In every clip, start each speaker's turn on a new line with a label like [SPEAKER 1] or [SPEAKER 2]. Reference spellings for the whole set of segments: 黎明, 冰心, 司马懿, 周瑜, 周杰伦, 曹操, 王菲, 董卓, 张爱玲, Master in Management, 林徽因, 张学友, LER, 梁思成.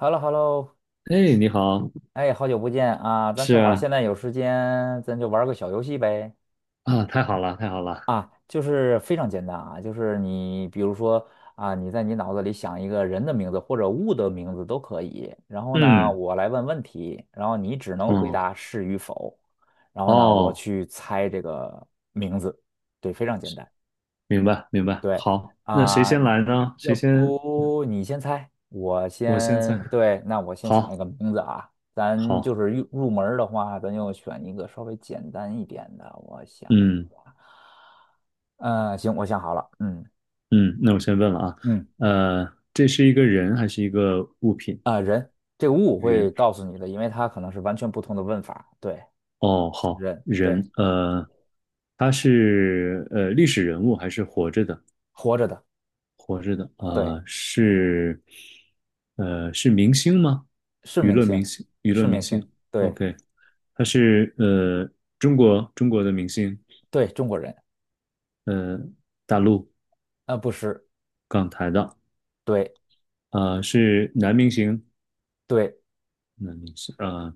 [SPEAKER 1] Hello，Hello，
[SPEAKER 2] 哎，你好，
[SPEAKER 1] 哎，好久不见啊！咱
[SPEAKER 2] 是
[SPEAKER 1] 正好
[SPEAKER 2] 啊，
[SPEAKER 1] 现在有时间，咱就玩个小游戏呗。
[SPEAKER 2] 啊，太好了，太好了，
[SPEAKER 1] 啊，就是非常简单啊，就是你比如说啊，你在你脑子里想一个人的名字或者物的名字都可以，然后呢，
[SPEAKER 2] 嗯，
[SPEAKER 1] 我来问问题，然后你只能回
[SPEAKER 2] 哦，
[SPEAKER 1] 答是与否，然后呢，我
[SPEAKER 2] 哦，
[SPEAKER 1] 去猜这个名字。对，非常简单。
[SPEAKER 2] 明白，明白，
[SPEAKER 1] 对
[SPEAKER 2] 好，那谁
[SPEAKER 1] 啊，
[SPEAKER 2] 先来呢？
[SPEAKER 1] 要
[SPEAKER 2] 谁先？
[SPEAKER 1] 不你先猜，我
[SPEAKER 2] 我先在，
[SPEAKER 1] 先，对，那我先想一
[SPEAKER 2] 好，
[SPEAKER 1] 个名字啊。咱就
[SPEAKER 2] 好，
[SPEAKER 1] 是入门儿的话，咱就选一个稍微简单一点的。我想
[SPEAKER 2] 嗯
[SPEAKER 1] 一下。嗯，行，我想好了。嗯
[SPEAKER 2] 嗯，那我先问了啊，
[SPEAKER 1] 嗯，
[SPEAKER 2] 这是一个人还是一个物品？
[SPEAKER 1] 这个物我会
[SPEAKER 2] 人，
[SPEAKER 1] 告诉你的，因为它可能是完全不同的问法。对，
[SPEAKER 2] 哦，
[SPEAKER 1] 是
[SPEAKER 2] 好，
[SPEAKER 1] 人，对，
[SPEAKER 2] 人，他是历史人物还是活着的？
[SPEAKER 1] 活着的，
[SPEAKER 2] 活着的，
[SPEAKER 1] 对，
[SPEAKER 2] 是，是明星吗？
[SPEAKER 1] 是
[SPEAKER 2] 娱
[SPEAKER 1] 明
[SPEAKER 2] 乐明
[SPEAKER 1] 星，
[SPEAKER 2] 星，娱乐
[SPEAKER 1] 是
[SPEAKER 2] 明
[SPEAKER 1] 明星，
[SPEAKER 2] 星。
[SPEAKER 1] 对
[SPEAKER 2] OK，他是中国的明星，
[SPEAKER 1] 对，中国人，
[SPEAKER 2] 呃，大陆
[SPEAKER 1] 啊、不是，
[SPEAKER 2] 港台的，
[SPEAKER 1] 对
[SPEAKER 2] 是男明星，
[SPEAKER 1] 对，
[SPEAKER 2] 男明星，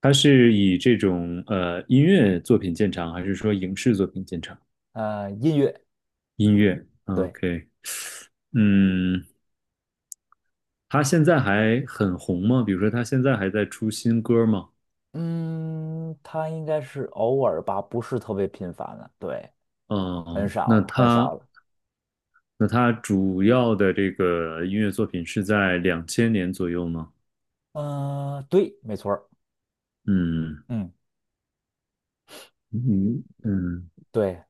[SPEAKER 2] 他是以这种音乐作品见长，还是说影视作品见长？
[SPEAKER 1] 音乐，
[SPEAKER 2] 音乐
[SPEAKER 1] 对。
[SPEAKER 2] ，OK，嗯，他现在还很红吗？比如说他现在还在出新歌吗？
[SPEAKER 1] 嗯，他应该是偶尔吧，不是特别频繁了。对，很
[SPEAKER 2] 嗯，那
[SPEAKER 1] 少很少
[SPEAKER 2] 他
[SPEAKER 1] 了。
[SPEAKER 2] 那他主要的这个音乐作品是在两千年左右吗？
[SPEAKER 1] 对，没错儿，
[SPEAKER 2] 嗯
[SPEAKER 1] 嗯，
[SPEAKER 2] 嗯嗯，
[SPEAKER 1] 对，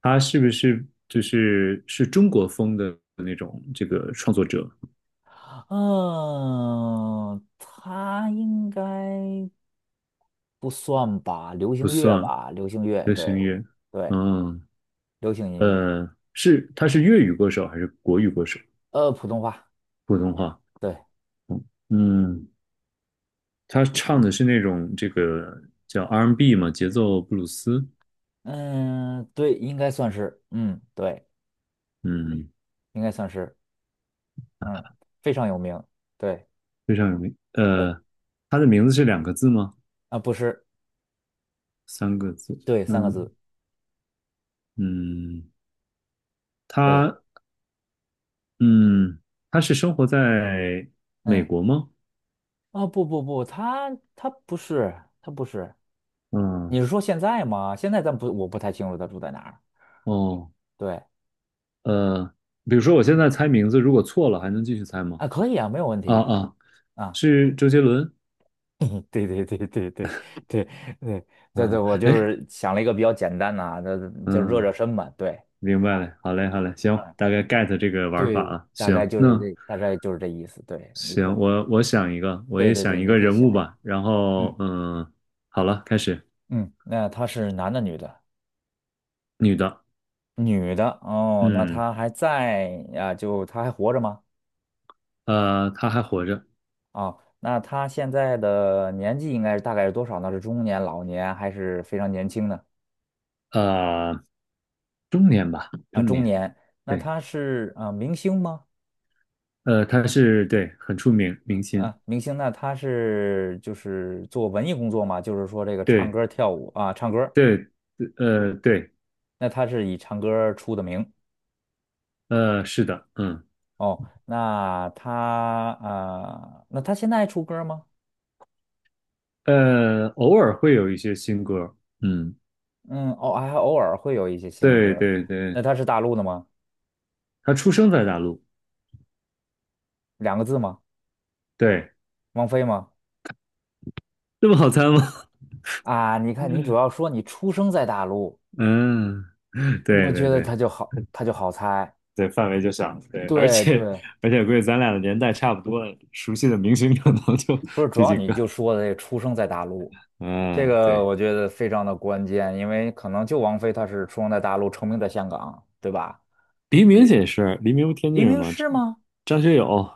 [SPEAKER 2] 他是不是就是中国风的那种这个创作者？
[SPEAKER 1] 嗯，他应该不算吧，流
[SPEAKER 2] 不
[SPEAKER 1] 行乐
[SPEAKER 2] 算
[SPEAKER 1] 吧，流行乐，
[SPEAKER 2] 流行
[SPEAKER 1] 对，
[SPEAKER 2] 乐，
[SPEAKER 1] 对，
[SPEAKER 2] 嗯
[SPEAKER 1] 流行音乐，
[SPEAKER 2] 是他是粤语歌手还是国语歌手？
[SPEAKER 1] 普通话，
[SPEAKER 2] 普通话，
[SPEAKER 1] 对，
[SPEAKER 2] 嗯嗯，他唱的是那种这个叫 R&B 嘛，节奏布鲁斯，
[SPEAKER 1] 嗯，对，应该算是，嗯，对，
[SPEAKER 2] 嗯，
[SPEAKER 1] 应该算是，嗯，非常有名，对，
[SPEAKER 2] 非常有名。
[SPEAKER 1] 对，
[SPEAKER 2] 他的名字是两个字吗？
[SPEAKER 1] 啊，不是，
[SPEAKER 2] 三个字？
[SPEAKER 1] 对，三个
[SPEAKER 2] 嗯，
[SPEAKER 1] 字，
[SPEAKER 2] 嗯，
[SPEAKER 1] 对，
[SPEAKER 2] 他嗯，他是生活在美
[SPEAKER 1] 嗯。
[SPEAKER 2] 国吗？
[SPEAKER 1] 哦，不不不，他不是，他不是。
[SPEAKER 2] 嗯，
[SPEAKER 1] 你是说现在吗？现在咱不，我不太清楚他住在哪儿。
[SPEAKER 2] 哦，
[SPEAKER 1] 对
[SPEAKER 2] 呃，比如说我现在猜名字，如果错了还能继续猜吗？
[SPEAKER 1] 啊，可以啊，没有问
[SPEAKER 2] 啊
[SPEAKER 1] 题
[SPEAKER 2] 啊，
[SPEAKER 1] 啊。
[SPEAKER 2] 是周杰伦。
[SPEAKER 1] 对对对对对对对对对，
[SPEAKER 2] 啊，
[SPEAKER 1] 我就
[SPEAKER 2] 哎，
[SPEAKER 1] 是想了一个比较简单的啊，就热热
[SPEAKER 2] 嗯，
[SPEAKER 1] 身嘛。对
[SPEAKER 2] 明
[SPEAKER 1] 啊，
[SPEAKER 2] 白了，好嘞，好嘞，行，
[SPEAKER 1] 嗯，
[SPEAKER 2] 大概 get 这个玩
[SPEAKER 1] 对，
[SPEAKER 2] 法了。
[SPEAKER 1] 大概
[SPEAKER 2] 行，
[SPEAKER 1] 就是
[SPEAKER 2] 那
[SPEAKER 1] 这，大概就是这意思。对，你可，
[SPEAKER 2] 行，我想一个，我
[SPEAKER 1] 对
[SPEAKER 2] 也
[SPEAKER 1] 对
[SPEAKER 2] 想
[SPEAKER 1] 对，
[SPEAKER 2] 一
[SPEAKER 1] 你
[SPEAKER 2] 个
[SPEAKER 1] 可以
[SPEAKER 2] 人
[SPEAKER 1] 想
[SPEAKER 2] 物
[SPEAKER 1] 一想。
[SPEAKER 2] 吧。然后
[SPEAKER 1] 嗯
[SPEAKER 2] 好了，开始，
[SPEAKER 1] 嗯，那他是男的女的？
[SPEAKER 2] 女的，
[SPEAKER 1] 女的哦，那
[SPEAKER 2] 嗯，
[SPEAKER 1] 他还在啊？就他还活着吗？
[SPEAKER 2] 她还活着，
[SPEAKER 1] 啊，那他现在的年纪应该是大概是多少呢？是中年、老年还是非常年轻呢？
[SPEAKER 2] 呃，中年吧，
[SPEAKER 1] 啊，
[SPEAKER 2] 中
[SPEAKER 1] 中
[SPEAKER 2] 年。
[SPEAKER 1] 年。那
[SPEAKER 2] 对。
[SPEAKER 1] 他是啊、明星吗？
[SPEAKER 2] 他是对很出名明星，
[SPEAKER 1] 啊，明星，那他是就是做文艺工作嘛？就是说这个唱
[SPEAKER 2] 对
[SPEAKER 1] 歌、跳舞啊，唱歌。
[SPEAKER 2] 对，对
[SPEAKER 1] 那他是以唱歌出的名。
[SPEAKER 2] 是的，
[SPEAKER 1] 哦。那他啊、那他现在还出歌吗？
[SPEAKER 2] 偶尔会有一些新歌，嗯
[SPEAKER 1] 嗯，哦，还偶尔会有一些新
[SPEAKER 2] 对
[SPEAKER 1] 歌。
[SPEAKER 2] 对对，
[SPEAKER 1] 那他是大陆的吗？
[SPEAKER 2] 他出生在大陆，
[SPEAKER 1] 两个字吗？
[SPEAKER 2] 对，
[SPEAKER 1] 王菲吗？
[SPEAKER 2] 这么好猜吗？
[SPEAKER 1] 啊，你看，你主要 说你出生在大陆。
[SPEAKER 2] 嗯，对
[SPEAKER 1] 我觉
[SPEAKER 2] 对
[SPEAKER 1] 得
[SPEAKER 2] 对
[SPEAKER 1] 他就好，他就好猜。
[SPEAKER 2] 对，范围就小，对，而
[SPEAKER 1] 对
[SPEAKER 2] 且
[SPEAKER 1] 对，
[SPEAKER 2] 而且估计咱俩的年代差不多，熟悉的明星可能就
[SPEAKER 1] 不是，主
[SPEAKER 2] 这
[SPEAKER 1] 要
[SPEAKER 2] 几
[SPEAKER 1] 你就
[SPEAKER 2] 个，
[SPEAKER 1] 说的这出生在大陆，这
[SPEAKER 2] 嗯
[SPEAKER 1] 个
[SPEAKER 2] 对，
[SPEAKER 1] 我觉得非常的关键，因为可能就王菲她是出生在大陆，成名在香港，对吧？
[SPEAKER 2] 黎明
[SPEAKER 1] 也
[SPEAKER 2] 也是，黎明不天津
[SPEAKER 1] 黎
[SPEAKER 2] 人
[SPEAKER 1] 明
[SPEAKER 2] 吗？
[SPEAKER 1] 是吗？
[SPEAKER 2] 张学友，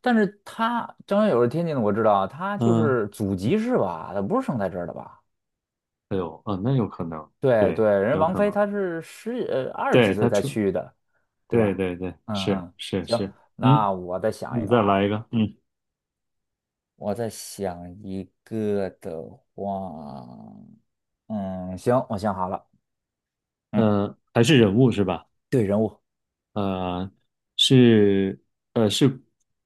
[SPEAKER 1] 但是她张学友是天津的，我知道，她就
[SPEAKER 2] 嗯。
[SPEAKER 1] 是祖籍是吧？她不是生在这儿的吧？
[SPEAKER 2] 哎呦，啊，那有可能，
[SPEAKER 1] 对对，
[SPEAKER 2] 对，
[SPEAKER 1] 人
[SPEAKER 2] 有
[SPEAKER 1] 王
[SPEAKER 2] 可
[SPEAKER 1] 菲
[SPEAKER 2] 能，
[SPEAKER 1] 她是十二十几
[SPEAKER 2] 对，
[SPEAKER 1] 岁
[SPEAKER 2] 他
[SPEAKER 1] 才
[SPEAKER 2] 出，
[SPEAKER 1] 去的，对
[SPEAKER 2] 对
[SPEAKER 1] 吧？
[SPEAKER 2] 对对，
[SPEAKER 1] 嗯
[SPEAKER 2] 是
[SPEAKER 1] 嗯，
[SPEAKER 2] 是
[SPEAKER 1] 行，
[SPEAKER 2] 是，嗯，
[SPEAKER 1] 那我再想一
[SPEAKER 2] 你
[SPEAKER 1] 个
[SPEAKER 2] 再
[SPEAKER 1] 啊。
[SPEAKER 2] 来一个，嗯，
[SPEAKER 1] 我在想一个的话，嗯，行，我想好了，嗯，
[SPEAKER 2] 还是人物是吧？
[SPEAKER 1] 对，人物，
[SPEAKER 2] 呃，是，是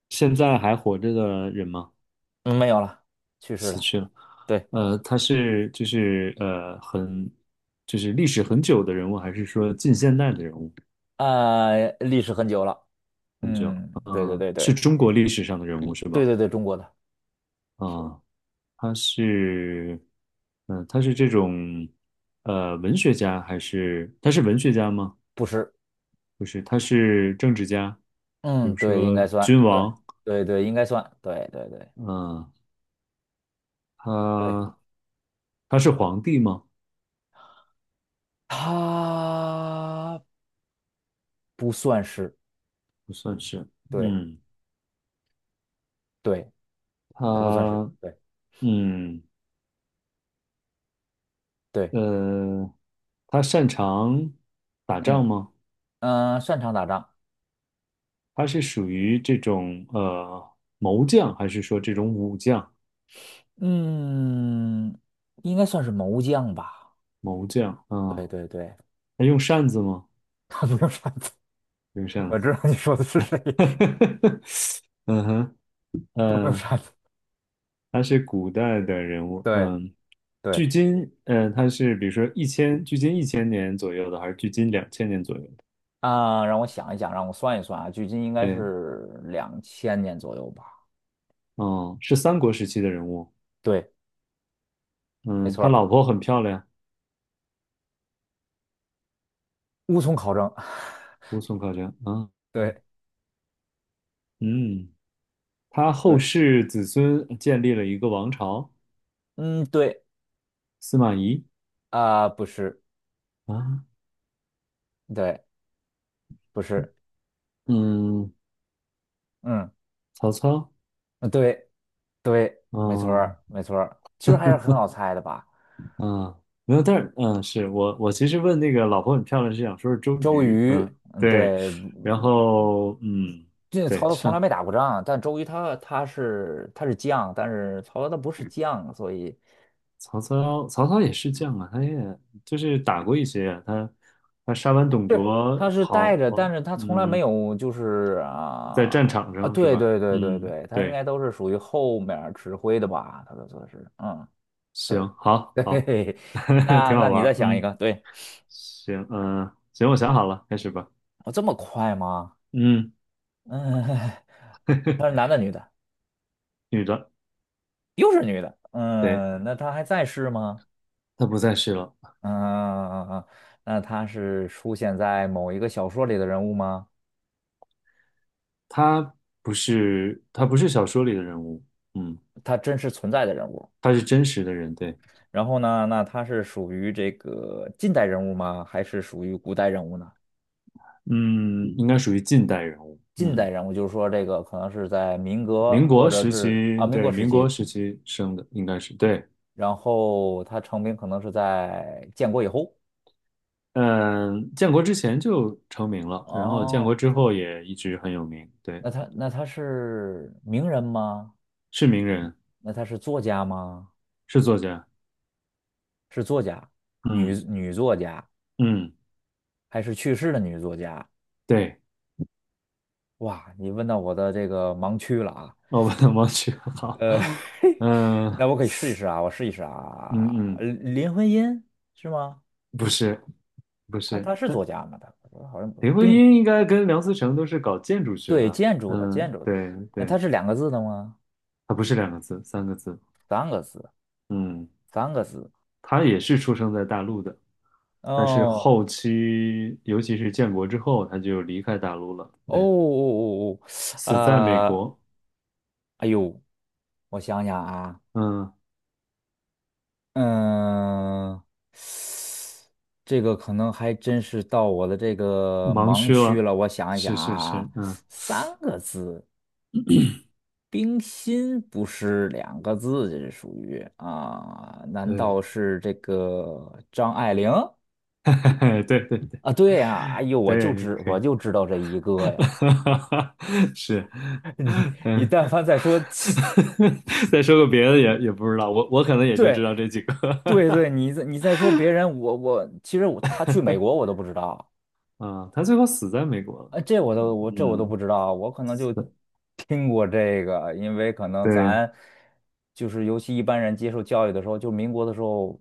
[SPEAKER 2] 现在还活着的人吗？
[SPEAKER 1] 嗯，没有了，去世
[SPEAKER 2] 死
[SPEAKER 1] 了，
[SPEAKER 2] 去了，
[SPEAKER 1] 对，
[SPEAKER 2] 他是就是呃很就是历史很久的人物，还是说近现代的人物
[SPEAKER 1] 历史很久了，
[SPEAKER 2] 很久？
[SPEAKER 1] 嗯，对对对
[SPEAKER 2] 是
[SPEAKER 1] 对
[SPEAKER 2] 中国历史上的人物是
[SPEAKER 1] 对
[SPEAKER 2] 吧？
[SPEAKER 1] 对对，中国的，
[SPEAKER 2] 啊。他是，他是这种，文学家还是他是文学家吗？
[SPEAKER 1] 不是，
[SPEAKER 2] 不是，他是政治家，比
[SPEAKER 1] 嗯，
[SPEAKER 2] 如
[SPEAKER 1] 对，应
[SPEAKER 2] 说
[SPEAKER 1] 该算，
[SPEAKER 2] 君
[SPEAKER 1] 对
[SPEAKER 2] 王，
[SPEAKER 1] 对对，应该算，对对对
[SPEAKER 2] 嗯、
[SPEAKER 1] 对，
[SPEAKER 2] 他他是皇帝吗？
[SPEAKER 1] 他不算是，
[SPEAKER 2] 不算是，
[SPEAKER 1] 对
[SPEAKER 2] 嗯，
[SPEAKER 1] 对，他不算是，
[SPEAKER 2] 他，
[SPEAKER 1] 对
[SPEAKER 2] 嗯，
[SPEAKER 1] 对，
[SPEAKER 2] 呃，他擅长打仗
[SPEAKER 1] 嗯
[SPEAKER 2] 吗？
[SPEAKER 1] 嗯、擅长打仗，
[SPEAKER 2] 他是属于这种谋将，还是说这种武将？
[SPEAKER 1] 嗯，应该算是谋将吧。
[SPEAKER 2] 谋将，
[SPEAKER 1] 对
[SPEAKER 2] 啊，
[SPEAKER 1] 对对，
[SPEAKER 2] 他用扇子吗？
[SPEAKER 1] 他没有杀子。
[SPEAKER 2] 用 扇
[SPEAKER 1] 我
[SPEAKER 2] 子。
[SPEAKER 1] 知道你说的是谁，
[SPEAKER 2] 嗯哼，
[SPEAKER 1] 他没有
[SPEAKER 2] 嗯，
[SPEAKER 1] 杀子。
[SPEAKER 2] 他是古代的人物，
[SPEAKER 1] 对对，
[SPEAKER 2] 距今，他是比如说一千，距今1000年左右的，还是距今两千年左右的？
[SPEAKER 1] 啊、让我想一想，让我算一算啊，距今应该
[SPEAKER 2] 对，
[SPEAKER 1] 是2000年左右吧。
[SPEAKER 2] 哦，是三国时期的人物，
[SPEAKER 1] 对，没
[SPEAKER 2] 嗯，
[SPEAKER 1] 错
[SPEAKER 2] 他
[SPEAKER 1] 儿，
[SPEAKER 2] 老婆很漂亮，
[SPEAKER 1] 无从考证。
[SPEAKER 2] 乌孙夸张，啊，啊
[SPEAKER 1] 对
[SPEAKER 2] 嗯，他后
[SPEAKER 1] 对，
[SPEAKER 2] 世子孙建立了一个王朝，
[SPEAKER 1] 嗯，对
[SPEAKER 2] 司马懿
[SPEAKER 1] 啊、不是，
[SPEAKER 2] 啊，
[SPEAKER 1] 对，不是，
[SPEAKER 2] 嗯，
[SPEAKER 1] 嗯，
[SPEAKER 2] 曹操，
[SPEAKER 1] 对对，没错
[SPEAKER 2] 啊，
[SPEAKER 1] 儿没错儿，其实还是很好猜的吧。
[SPEAKER 2] 嗯，没有，但是是我其实问那个老婆很漂亮是想说是周
[SPEAKER 1] 周
[SPEAKER 2] 瑜，
[SPEAKER 1] 瑜，
[SPEAKER 2] 嗯，
[SPEAKER 1] 嗯，
[SPEAKER 2] 对，
[SPEAKER 1] 对，
[SPEAKER 2] 然后
[SPEAKER 1] 这
[SPEAKER 2] 对，
[SPEAKER 1] 曹操从来
[SPEAKER 2] 上
[SPEAKER 1] 没打过仗，但周瑜他是他是将，但是曹操他不是将，所以
[SPEAKER 2] 曹操，曹操也是将啊，他也就是打过一些啊，他杀完董卓
[SPEAKER 1] 他是带
[SPEAKER 2] 跑，
[SPEAKER 1] 着，但是他从来没有就是
[SPEAKER 2] 在
[SPEAKER 1] 啊
[SPEAKER 2] 战场
[SPEAKER 1] 啊，
[SPEAKER 2] 上是
[SPEAKER 1] 对
[SPEAKER 2] 吧？
[SPEAKER 1] 对对对
[SPEAKER 2] 嗯，
[SPEAKER 1] 对，他应
[SPEAKER 2] 对，
[SPEAKER 1] 该都是属于后面儿指挥的吧，他的说是，嗯，对。
[SPEAKER 2] 行，好，好，
[SPEAKER 1] 对，那
[SPEAKER 2] 挺好
[SPEAKER 1] 那
[SPEAKER 2] 玩
[SPEAKER 1] 你再
[SPEAKER 2] 儿，
[SPEAKER 1] 想一
[SPEAKER 2] 嗯，
[SPEAKER 1] 个，对。
[SPEAKER 2] 行，嗯，行，我想好了，开始吧，
[SPEAKER 1] 我这么快吗？
[SPEAKER 2] 嗯，
[SPEAKER 1] 嗯。他是男 的女的，
[SPEAKER 2] 女的，
[SPEAKER 1] 又是女的，
[SPEAKER 2] 对，
[SPEAKER 1] 嗯，那他还在世吗？
[SPEAKER 2] 她不在世了。
[SPEAKER 1] 嗯嗯嗯，嗯，那他是出现在某一个小说里的人物吗？
[SPEAKER 2] 他他不是小说里的人物，嗯，
[SPEAKER 1] 他真实存在的人物。
[SPEAKER 2] 他是真实的人，对，
[SPEAKER 1] 然后呢，那他是属于这个近代人物吗？还是属于古代人物呢？
[SPEAKER 2] 嗯，应该属于近代人物，
[SPEAKER 1] 近代人物就是说，这个可能是在民国
[SPEAKER 2] 民
[SPEAKER 1] 或
[SPEAKER 2] 国
[SPEAKER 1] 者
[SPEAKER 2] 时
[SPEAKER 1] 是
[SPEAKER 2] 期，
[SPEAKER 1] 啊民国
[SPEAKER 2] 对，
[SPEAKER 1] 时
[SPEAKER 2] 民国
[SPEAKER 1] 期，
[SPEAKER 2] 时期生的，应该是对，
[SPEAKER 1] 然后他成名可能是在建国以后。
[SPEAKER 2] 嗯，建国之前就成名了，然后建国
[SPEAKER 1] 哦，
[SPEAKER 2] 之后也一直很有名，对，
[SPEAKER 1] 那他那他是名人吗？
[SPEAKER 2] 是名人，
[SPEAKER 1] 那他是作家吗？
[SPEAKER 2] 是作家，
[SPEAKER 1] 是作家，女
[SPEAKER 2] 嗯
[SPEAKER 1] 女作家
[SPEAKER 2] 嗯，
[SPEAKER 1] 还是去世的女作家？
[SPEAKER 2] 对，
[SPEAKER 1] 哇，你问到我的这个盲区了啊，
[SPEAKER 2] 哦，我忘好，
[SPEAKER 1] 呃，
[SPEAKER 2] 嗯
[SPEAKER 1] 那我可以试一试啊，我试一试
[SPEAKER 2] 嗯
[SPEAKER 1] 啊。
[SPEAKER 2] 嗯，
[SPEAKER 1] 林徽因是吗？
[SPEAKER 2] 不是不
[SPEAKER 1] 她
[SPEAKER 2] 是，
[SPEAKER 1] 她是
[SPEAKER 2] 但。
[SPEAKER 1] 作家吗？她我好像不，
[SPEAKER 2] 林徽
[SPEAKER 1] 并
[SPEAKER 2] 因应该跟梁思成都是搞建筑学
[SPEAKER 1] 对
[SPEAKER 2] 的，
[SPEAKER 1] 建筑的建筑的，
[SPEAKER 2] 对
[SPEAKER 1] 那
[SPEAKER 2] 对，
[SPEAKER 1] 它是两个字的吗？
[SPEAKER 2] 他不是两个字，三个字，
[SPEAKER 1] 三个字，
[SPEAKER 2] 嗯，
[SPEAKER 1] 三个字。
[SPEAKER 2] 他也是出生在大陆的，但是
[SPEAKER 1] 哦
[SPEAKER 2] 后期，尤其是建国之后，他就离开大陆了，
[SPEAKER 1] 哦
[SPEAKER 2] 对，
[SPEAKER 1] 哦哦哦，哦，
[SPEAKER 2] 死在美国，
[SPEAKER 1] 哎呦，我想想啊，
[SPEAKER 2] 嗯，
[SPEAKER 1] 嗯，这个可能还真是到我的这个
[SPEAKER 2] 盲
[SPEAKER 1] 盲
[SPEAKER 2] 区
[SPEAKER 1] 区
[SPEAKER 2] 了，
[SPEAKER 1] 了。我想一
[SPEAKER 2] 是
[SPEAKER 1] 想
[SPEAKER 2] 是
[SPEAKER 1] 啊，
[SPEAKER 2] 是，嗯，
[SPEAKER 1] 三个字，冰心不是两个字，这是属于啊？难
[SPEAKER 2] 对，
[SPEAKER 1] 道是这个张爱玲
[SPEAKER 2] 对对对
[SPEAKER 1] 啊？对呀，哎呦，我就
[SPEAKER 2] 对，
[SPEAKER 1] 知
[SPEAKER 2] 可
[SPEAKER 1] 我
[SPEAKER 2] 以，
[SPEAKER 1] 就知道这一个呀。
[SPEAKER 2] 是，
[SPEAKER 1] 你你
[SPEAKER 2] 嗯，
[SPEAKER 1] 但凡再说其
[SPEAKER 2] 再说个别的也不知道，我可能也就
[SPEAKER 1] 对
[SPEAKER 2] 知道这几个。
[SPEAKER 1] 对 对，你再你再说别人，我其实我他去美国我都不知道。
[SPEAKER 2] 啊，他最后死在美国了。
[SPEAKER 1] 啊，这我都我这我都
[SPEAKER 2] 嗯，
[SPEAKER 1] 不知道，我可能就听过这个，因为可能
[SPEAKER 2] 对
[SPEAKER 1] 咱就是尤其一般人接受教育的时候，就民国的时候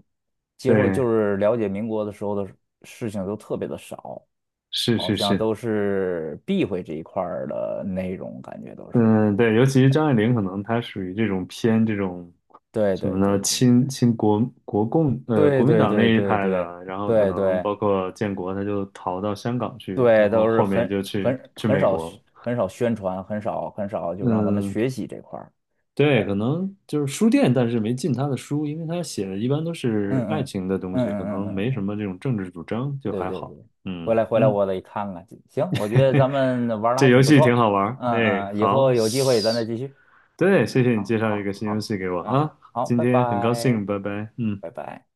[SPEAKER 1] 接受
[SPEAKER 2] 对，
[SPEAKER 1] 就是了解民国的时候的事情都特别的少，
[SPEAKER 2] 是
[SPEAKER 1] 好
[SPEAKER 2] 是
[SPEAKER 1] 像
[SPEAKER 2] 是，
[SPEAKER 1] 都是避讳这一块儿的内容，感觉都是。
[SPEAKER 2] 嗯，对，尤其是张爱玲，可能她属于这种偏这种
[SPEAKER 1] 对
[SPEAKER 2] 什么
[SPEAKER 1] 对
[SPEAKER 2] 呢？
[SPEAKER 1] 对
[SPEAKER 2] 亲
[SPEAKER 1] 对
[SPEAKER 2] 亲国国共
[SPEAKER 1] 对
[SPEAKER 2] 国民
[SPEAKER 1] 对
[SPEAKER 2] 党那
[SPEAKER 1] 对
[SPEAKER 2] 一
[SPEAKER 1] 对对
[SPEAKER 2] 派的，
[SPEAKER 1] 对
[SPEAKER 2] 然后可
[SPEAKER 1] 对
[SPEAKER 2] 能
[SPEAKER 1] 对
[SPEAKER 2] 包括建国，她就逃到香港去，然
[SPEAKER 1] 对，
[SPEAKER 2] 后
[SPEAKER 1] 都是
[SPEAKER 2] 后面
[SPEAKER 1] 很
[SPEAKER 2] 就去
[SPEAKER 1] 很
[SPEAKER 2] 去
[SPEAKER 1] 很
[SPEAKER 2] 美
[SPEAKER 1] 少
[SPEAKER 2] 国
[SPEAKER 1] 宣
[SPEAKER 2] 了
[SPEAKER 1] 很少宣传，很少很少就让咱们
[SPEAKER 2] 嗯，
[SPEAKER 1] 学习这块儿。
[SPEAKER 2] 对，可能就是书店，但是没进她的书，因为她写的一般都
[SPEAKER 1] 嗯
[SPEAKER 2] 是爱
[SPEAKER 1] 嗯
[SPEAKER 2] 情的东
[SPEAKER 1] 嗯
[SPEAKER 2] 西，可
[SPEAKER 1] 嗯嗯
[SPEAKER 2] 能没
[SPEAKER 1] 嗯，
[SPEAKER 2] 什
[SPEAKER 1] 嗯
[SPEAKER 2] 么这种政治主张，就
[SPEAKER 1] 对
[SPEAKER 2] 还
[SPEAKER 1] 对
[SPEAKER 2] 好。
[SPEAKER 1] 对，回
[SPEAKER 2] 嗯
[SPEAKER 1] 来回来
[SPEAKER 2] 嗯。
[SPEAKER 1] 我得看看。行，我觉得咱们玩的
[SPEAKER 2] 这
[SPEAKER 1] 还
[SPEAKER 2] 游
[SPEAKER 1] 挺不
[SPEAKER 2] 戏挺
[SPEAKER 1] 错。
[SPEAKER 2] 好玩儿。
[SPEAKER 1] 嗯
[SPEAKER 2] 哎，
[SPEAKER 1] 嗯，以
[SPEAKER 2] 好，
[SPEAKER 1] 后有机会咱再继续。
[SPEAKER 2] 对，谢谢你
[SPEAKER 1] 好
[SPEAKER 2] 介绍一
[SPEAKER 1] 好
[SPEAKER 2] 个新游戏
[SPEAKER 1] 好
[SPEAKER 2] 给我
[SPEAKER 1] 好
[SPEAKER 2] 啊，
[SPEAKER 1] 好，
[SPEAKER 2] 今
[SPEAKER 1] 拜
[SPEAKER 2] 天很高
[SPEAKER 1] 拜
[SPEAKER 2] 兴，拜拜。嗯。
[SPEAKER 1] 拜拜。